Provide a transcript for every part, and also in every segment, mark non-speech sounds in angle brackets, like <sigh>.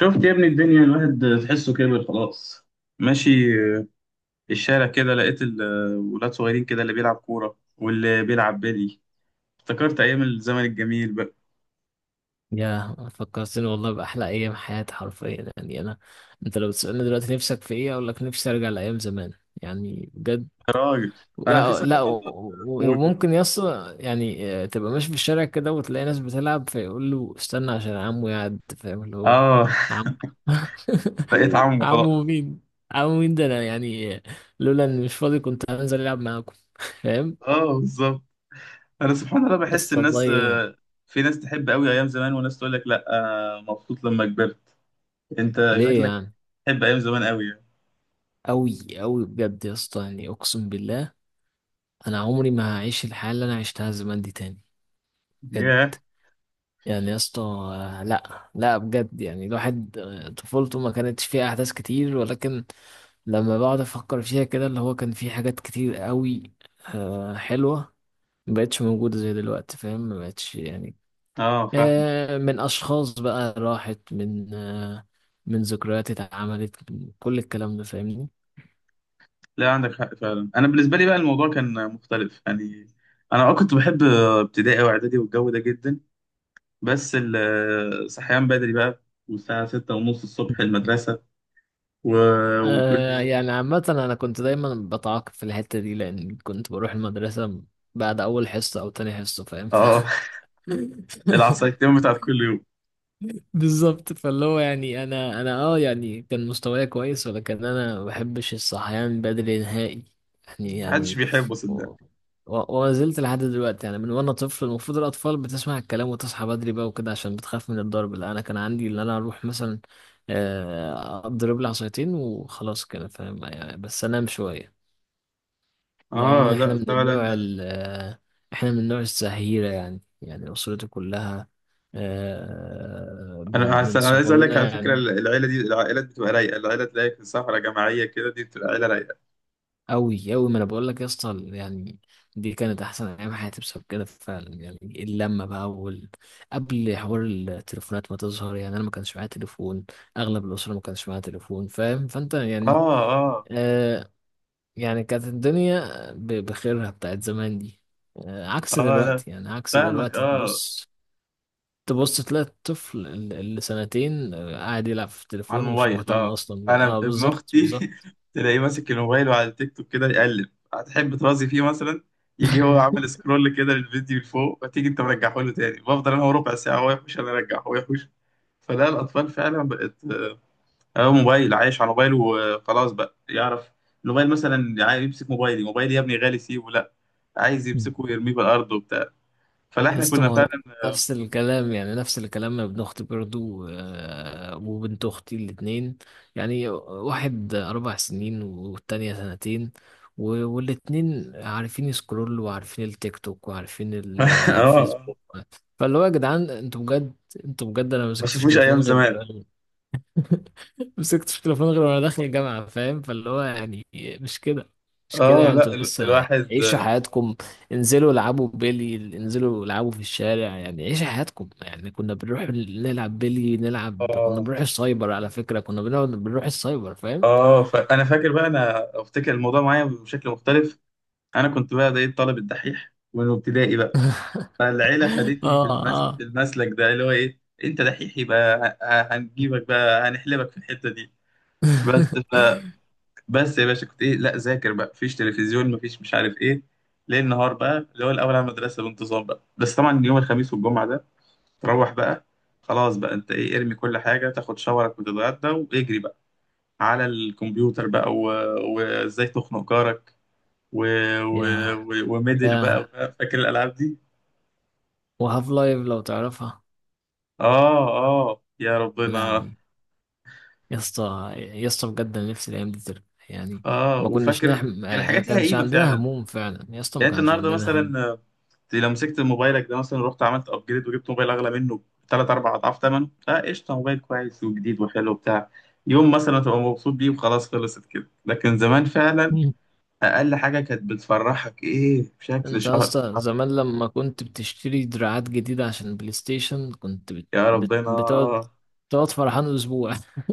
شفت يا ابني الدنيا، الواحد تحسه كبر خلاص. ماشي الشارع كده لقيت الولاد صغيرين كده، اللي بيلعب كورة واللي بيلعب بيلي. افتكرت أيام الزمن الجميل بقى. يا فكرتني والله بأحلى أيام حياتي حرفيا، يعني أنا أنت لو بتسألني دلوقتي نفسك في إيه أقول لك نفسي أرجع لأيام زمان، يعني بجد. يا راجل، أنا في لا سبحان و- الله و- بقول وممكن يص، تبقى ماشي في الشارع كده وتلاقي ناس بتلعب فيقول له استنى عشان عمو يعد، فاهم اللي هو آه. عمو؟ <laughs> بقيت <laughs> عمو خلاص. عمو مين؟ عمو مين ده؟ أنا يعني آه، لولا إني مش فاضي كنت هنزل ألعب معاكم، <laughs> فاهم؟ آه بالظبط، أنا سبحان الله يا بحس اسطى الناس، والله. في ناس تحب قوي أيام زمان وناس تقول لك لأ أنا مبسوط لما كبرت. أنت ليه شكلك يعني؟ تحب أيام زمان قوي يعني. أوي أوي بجد يا اسطى، يعني أقسم بالله انا عمري ما هعيش الحياه اللي انا عشتها زمان دي تاني. بجد. ياه. يعني يا اسطى آه، لا بجد، يعني الواحد طفولته ما كانتش فيها احداث كتير، ولكن لما بقعد افكر فيها كده اللي هو كان في حاجات كتير قوي حلوه، ما بقتش موجوده زي دلوقتي، فاهم؟ ما بقتش يعني. آه فاهم. من اشخاص بقى راحت، من ذكريات اتعملت، من كل الكلام ده، فاهمني؟ لا عندك حق فعلا، انا بالنسبه لي بقى الموضوع كان مختلف يعني. انا كنت بحب ابتدائي واعدادي والجو ده جدا، بس صحيان بدري بقى، والساعه ستة ونص الصبح المدرسه، و... وكل يوم. يعني عامة أنا كنت دايما بتعاقب في الحتة دي لأن كنت بروح المدرسة بعد أول حصة أو تاني حصة، فاهم؟ اه. <laughs> <laughs> العصايتين بتاعت كل يوم. بالظبط. فاللي هو يعني أنا يعني كان مستواي كويس ولكن أنا ما بحبش الصحيان بدري نهائي. يعني محدش يعني بيحبه و... صدق. و... وما زلت لحد دلوقتي، يعني من وأنا طفل المفروض الأطفال بتسمع الكلام وتصحى بدري بقى وكده عشان بتخاف من الضرب. لا، أنا كان عندي إن أنا أروح مثلا اضرب لي عصايتين وخلاص كده، فاهم؟ يعني بس انام شويه، اه لأن إحنا لا من النوع فعلا. إحنا من النوع الزهيرة، يعني يعني أسرتي كلها، انا من عس- من انا عايز اقول لك على صغرنا فكره، يعني. العيله دي العائلات بتبقى رايقه، العيله تلاقيك في سفره جماعيه كده دي بتبقى عيله رايقه. أوي أوي، ما أنا بقول لك يا اسطى يعني دي كانت أحسن أيام حياتي بسبب كده فعلا، يعني اللمة بقى قبل حوار التليفونات ما تظهر. يعني أنا ما كانش معايا تليفون، أغلب الأسرة ما كانش معايا تليفون، فاهم؟ فأنت اه يعني اه آه يعني كانت الدنيا بخيرها بتاعت زمان دي عكس اه. لا دلوقتي، يعني عكس فاهمك، دلوقتي. اه. تبص، تبص تلاقي الطفل اللي سنتين قاعد يلعب في على التليفون، ومش الموبايل مهتم اه. اصلا بال... انا اه ابن بالظبط اختي بالظبط. <laughs> تلاقيه ماسك الموبايل وعلى التيك توك كده يقلب، هتحب ترازي فيه مثلا، يجي هو عامل <laughs> سكرول كده للفيديو لفوق، وتيجي انت مرجعه له تاني، بفضل انا هو ربع ساعه، هو يحوش انا ارجع هو يحوش. فلا الاطفال فعلا بقت، هو موبايل عايش على موبايله وخلاص، بقى يعرف الموبايل مثلا. يعني عايز يمسك موبايلي، موبايلي يا ابني غالي سيبه، لا عايز يمسكه ويرميه بالارض وبتاع. فلا يا احنا اسطى ما كنا هو فعلا. نفس الكلام، يعني نفس الكلام. ابن اختي برضو وبنت اختي الاتنين، يعني واحد 4 سنين والتانية سنتين، و- والاتنين عارفين يسكرول وعارفين التيك توك وعارفين <laughs> اه. الفيسبوك. فاللي هو يا جدعان انتوا بجد، انتوا بجد انا ما ما مسكتش شافوش تليفون ايام زمان. غير <laughs> مسكتش التليفون غير وانا داخل الجامعة، فاهم؟ فاللي هو يعني مش كده، مش كده، اه يعني انتوا لا، ال- لسه الواحد عيشوا حياتكم، انزلوا العبوا بيلي، انزلوا العبوا في الشارع، يعني عيشوا حياتكم. يعني كنا بنروح نلعب بيلي نلعب، كنا اه بنروح السايبر، على فكرة كنا بنقعد بنروح السايبر، فاهم؟ اه. فانا فاكر بقى، انا افتكر الموضوع معايا بشكل مختلف. انا كنت بقى ده ايه، الطالب الدحيح من ابتدائي بقى. فالعيله <laughs> خدتني في اه اه المسلك ده، اللي هو ايه، انت دحيح يبقى هنجيبك بقى، هنحلبك في الحته دي. بس ف... <laughs> يا باشا كنت ايه، لا ذاكر بقى، مفيش تلفزيون مفيش مش عارف ايه، ليل نهار بقى، اللي هو الاول على المدرسه بانتظام بقى. بس طبعا يوم الخميس والجمعه ده، تروح بقى. خلاص بقى انت ايه، ارمي كل حاجه، تاخد شاورك وتتغدى واجري بقى على الكمبيوتر بقى، و- وازاي تخنق جارك، و... و... يا و... وميدل بقى، يا فاكر الالعاب دي. وهاف لايف لو تعرفها. اه اه يا يا ربنا. لهوي. يا اسطى يا اسطى بجد انا نفسي الايام دي ترجع، يعني اه ما كناش وفاكر. نحم، كان ما يعني الحاجات ليها كانش قيمه عندنا فعلا. هموم فعلا، يا اسطى ما يعني انت كانش النهارده عندنا هم. مثلا، لو مسكت موبايلك ده مثلا، رحت عملت ابجريد وجبت موبايل اغلى منه ثلاث اربع اضعاف ثمنه، اه قشطه، موبايل كويس وجديد وحلو وبتاع. يوم مثلا تبقى مبسوط بيه وخلاص، خلصت كده. لكن زمان فعلا مم. اقل حاجه كانت بتفرحك ايه بشكل انت يا شهر. اسطى زمان لما كنت بتشتري دراعات جديدة عشان بلاي ستيشن كنت يا ربنا. بتقعد، تقعد فرحان اسبوع. <laughs>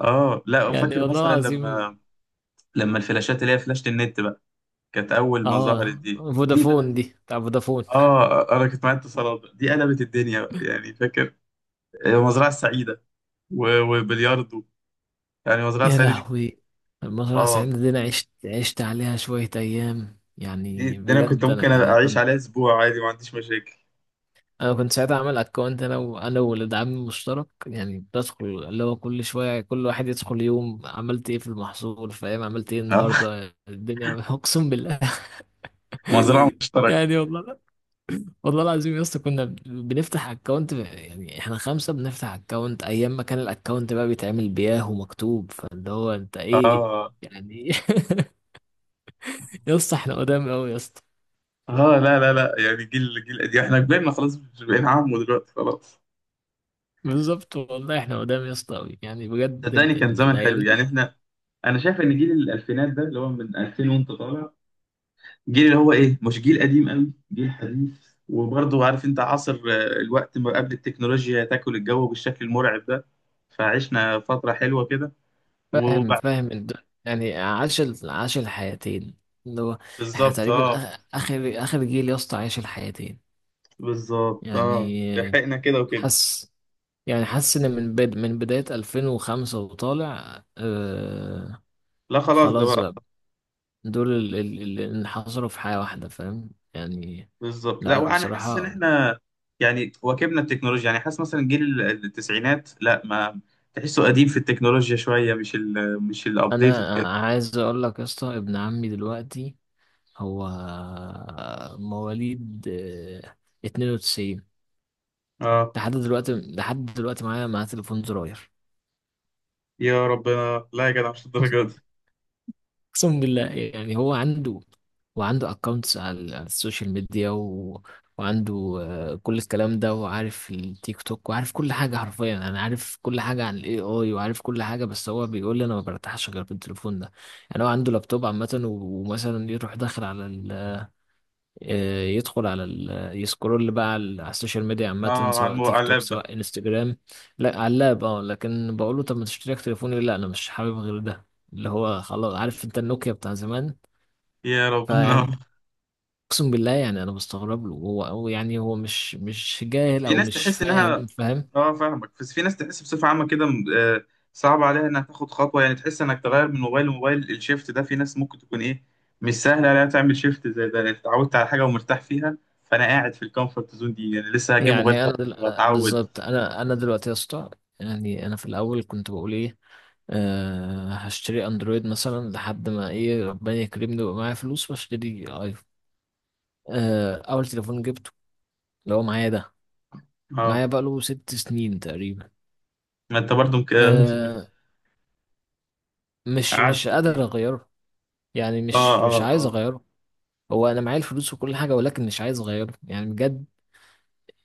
اه لا يعني فاكر والله مثلا العظيم. لما الفلاشات اللي هي فلاشة النت بقى، كانت اول ما ظهرت، اه دي بقى. فودافون، دي بتاع فودافون. <laughs> اه، انا كنت معايا اتصالات بقى. دي قلبت الدنيا بقى، يعني فاكر المزرعة السعيدة، و- وبلياردو. يعني المزرعة يا السعيدة دي، لهوي. المزرعة اه، سعيدة دي انا عشت عليها شوية ايام، دي, يعني دي انا كنت بجد ممكن انا أبقى انا اعيش كنت. عليها اسبوع عادي ما عنديش مشاكل. انا كنت ساعتها عامل اكونت انا والولد عمي مشترك، يعني بدخل اللي هو كل شويه كل واحد يدخل يوم عملت ايه في المحصول، فاهم؟ عملت ايه اه. النهارده الدنيا. <laughs> اقسم بالله. <laughs> <laughs> مزرعة مشتركة. يعني والله، والله العظيم يا اسطى كنا بنفتح اكونت، يعني احنا خمسه بنفتح اكونت، ايام ما كان الاكونت بقى بيتعمل بياه ومكتوب، فاللي هو انت ايه اه يعني؟ إيه؟ <laughs> يا اسطى احنا قدام قوي يا اسطى. اه. لا لا لا، يعني جيل قديم، احنا كبرنا خلاص، مش بقينا عم دلوقتي خلاص. بالظبط والله احنا قدام يا اسطى قوي، يعني بجد صدقني كان زمن الايام حلو، يعني دي. احنا، انا شايف ان جيل الالفينات ده اللي هو من 2000 وانت طالع، جيل اللي هو ايه، مش جيل قديم قوي، جيل حديث وبرضه عارف انت عصر، الوقت ما قبل التكنولوجيا تاكل الجو بالشكل المرعب ده. فعشنا فترة حلوة كده، فاهم وبعد. فاهم يعني عاش الحياتين، اللي هو احنا بالظبط تقريبا اه. اخر جيل يا اسطى عاش الحياتين، بالظبط اه يعني لحقنا كده وكده. حس يعني حاسس ان من بداية 2005 وطالع، آه لا خلاص ده خلاص بقى. بقى. دول اللي انحصروا في حياة واحدة، فاهم؟ يعني بالظبط. لا لا وانا حاسس ان بصراحة. احنا، يعني واكبنا التكنولوجيا. يعني حاسس مثلا جيل التسعينات، لا ما تحسه قديم في التكنولوجيا شوية، مش ال مش الابديتد انا كده. عايز اقول لك يا اسطى ابن عمي دلوقتي هو مواليد 92، اه لحد دلوقتي، لحد دلوقتي معاه تليفون زراير. يا ربنا، لا يا جدع مش الدرجة دي. <laughs> اقسم بالله. يعني هو عنده، وعنده اكونتس على السوشيال ميديا وعنده كل الكلام ده، وعارف التيك توك وعارف كل حاجة حرفيا، انا عارف كل حاجة عن الاي اي وعارف كل حاجة، بس هو بيقول لي انا ما برتاحش غير بالتليفون ده. يعني هو عنده لابتوب عامة، ومثلا يروح داخل على يدخل يسكرول بقى على على السوشيال ميديا عامة، اه على سواء تيك توك اللاب. سواء انستجرام. لا على اللاب، اه. لكن بقول له طب ما تشتري تليفون، يقول لي لا انا مش حابب غير ده، اللي هو خلاص عارف انت النوكيا بتاع زمان. يا فيعني ربنا. اقسم بالله يعني انا بستغرب له، هو يعني هو مش مش <laughs> جاهل في او ناس مش تحس انها، فاهم، فاهم؟ اه فاهمك. بس في ناس تحس بصفة عامة كده، صعب عليها انها تاخد خطوة، يعني تحس انك تغير من موبايل لموبايل، الشيفت ده في ناس ممكن تكون ايه، مش سهل عليها تعمل شيفت زي ده، لأن اتعودت على حاجة ومرتاح فيها. فانا قاعد في الكومفورت زون دي، يعني لسه هجيب موبايل يعني انا خط دل... آه، واتعود. بالظبط. انا دلوقتي يا اسطى، يعني انا في الاول كنت بقول ايه هشتري اندرويد مثلا لحد ما ايه ربنا يكرمني ويبقى معايا فلوس واشتري. اول تليفون جبته اللي هو معايا ده، اه معايا بقاله 6 سنين تقريبا. ما انت برضو مك... آه، <laughs> مش مش قعدت قادر فيه. اغيره، يعني اه مش مش اه عايز اه. اغيره. هو انا معايا الفلوس وكل حاجه، ولكن مش عايز اغيره يعني بجد.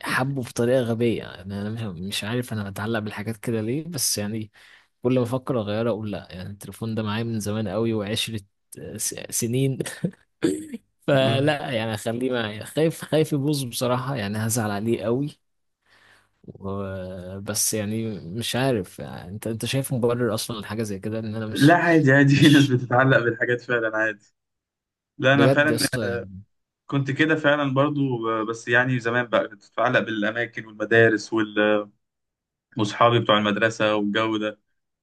حبه بطريقه غبيه، يعني انا مش مش عارف انا بتعلق بالحاجات كده ليه بس يعني، كل ما افكر اغيره اقول لا، يعني التليفون ده معايا من زمان قوي وعشره سنين. <laughs> مم. فلا يعني اخليه معايا، خايف خايف يبوظ بصراحه، يعني هزعل عليه قوي. بس يعني مش عارف، يعني انت شايف مبرر اصلا لحاجه زي كده؟ ان انا لا مش عادي عادي، في ناس مش بتتعلق بالحاجات فعلا عادي. لا انا بجد يا فعلا اسطى يعني. كنت كده فعلا برضو، بس يعني زمان بقى كنت بتعلق بالأماكن والمدارس وال- وأصحابي بتوع المدرسة والجو ده،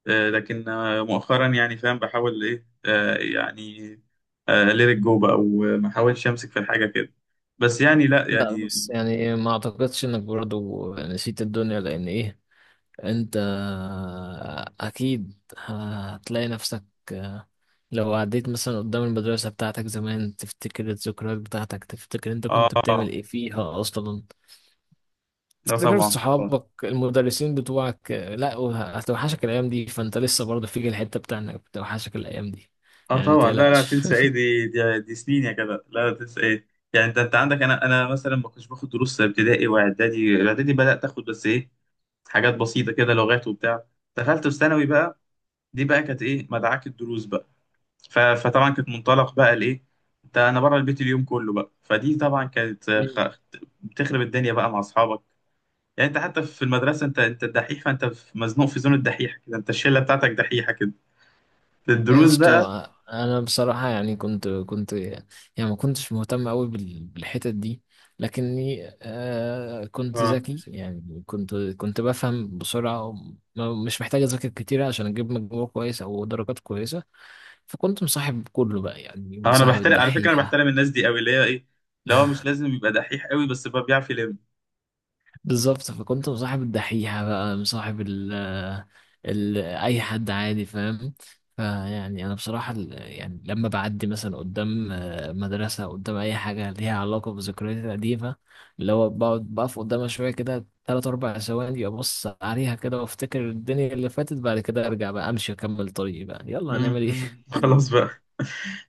لكن مؤخرا يعني فاهم، بحاول إيه، يعني ليت جو بقى وما أحاولش أمسك في الحاجة كده، بس يعني لا لا يعني. بس يعني ما اعتقدش انك برضو نسيت الدنيا، لان ايه انت اكيد هتلاقي نفسك لو عديت مثلا قدام المدرسه بتاعتك زمان، تفتكر الذكريات بتاعتك، تفتكر انت كنت بتعمل آه. ايه فيها اصلا، لا تفتكر طبعا طبعا. صحابك المدرسين بتوعك، لا هتوحشك الايام دي، فانت لسه برضه فيك الحته بتاع انك بتوحشك الايام دي، آه يعني ما طبعا لا لا تقلقش. تنسى إيه، <laughs> دي سنين يا كده، لا لا تنسى إيه. يعني أنت عندك، أنا مثلا ما كنتش باخد دروس ابتدائي وإعدادي، إعدادي بدأت آخد بس إيه، حاجات بسيطة كده، لغات وبتاع. دخلت في ثانوي بقى، دي بقى كانت ايه مدعاك الدروس بقى، فطبعا كانت منطلق بقى لايه، انت انا بره البيت اليوم كله بقى، فدي طبعا كانت، مم. بتخرب الدنيا بقى مع اصحابك. يعني انت حتى في المدرسه، انت الدحيح، فانت مزنوق في زون الدحيح كده، انت الشله بتاعتك دحيحه كده يا الدروس بقى. اسطى انا بصراحه يعني كنت يعني ما كنتش مهتم قوي بالحتت دي، لكني آه كنت اه ذكي، يعني كنت بفهم بسرعه، مش محتاج اذاكر كتير عشان اجيب مجموع كويس او درجات كويسه. فكنت مصاحب كله بقى، يعني انا مصاحب بحترم على فكره، انا الدحيحه. بحترم الناس دي قوي، اللي هي ايه اللي هو مش لازم يبقى دحيح قوي بس بقى بيعرف يلم. بالظبط. فكنت مصاحب الدحيحة بقى، مصاحب ال ال أي حد عادي، فاهم؟ فيعني أنا بصراحة يعني لما بعدي مثلا قدام مدرسة قدام أي حاجة ليها علاقة بذكرياتي القديمة، اللي هو بقعد بقف قدامها شوية كده 3 أربع ثواني، أبص عليها كده وأفتكر الدنيا اللي فاتت، بعد كده أرجع بقى أمشي أكمل طريقي، بقى يلا مم، هنعمل إيه. مم. خلاص <laughs> بقى.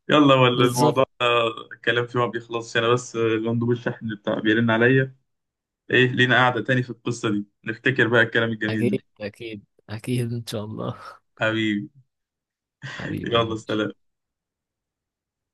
يلا، ولا بالظبط. الموضوع ده الكلام فيه ما بيخلصش. انا بس، المندوب الشحن بتاع بيرن عليا. ايه، لينا قاعدة تاني في القصة دي، نفتكر بقى الكلام الجميل ده. أكيد أكيد، أكيد إن شاء الله. <laughs> حبيبي. حبيبي يلا حبيبي. سلام.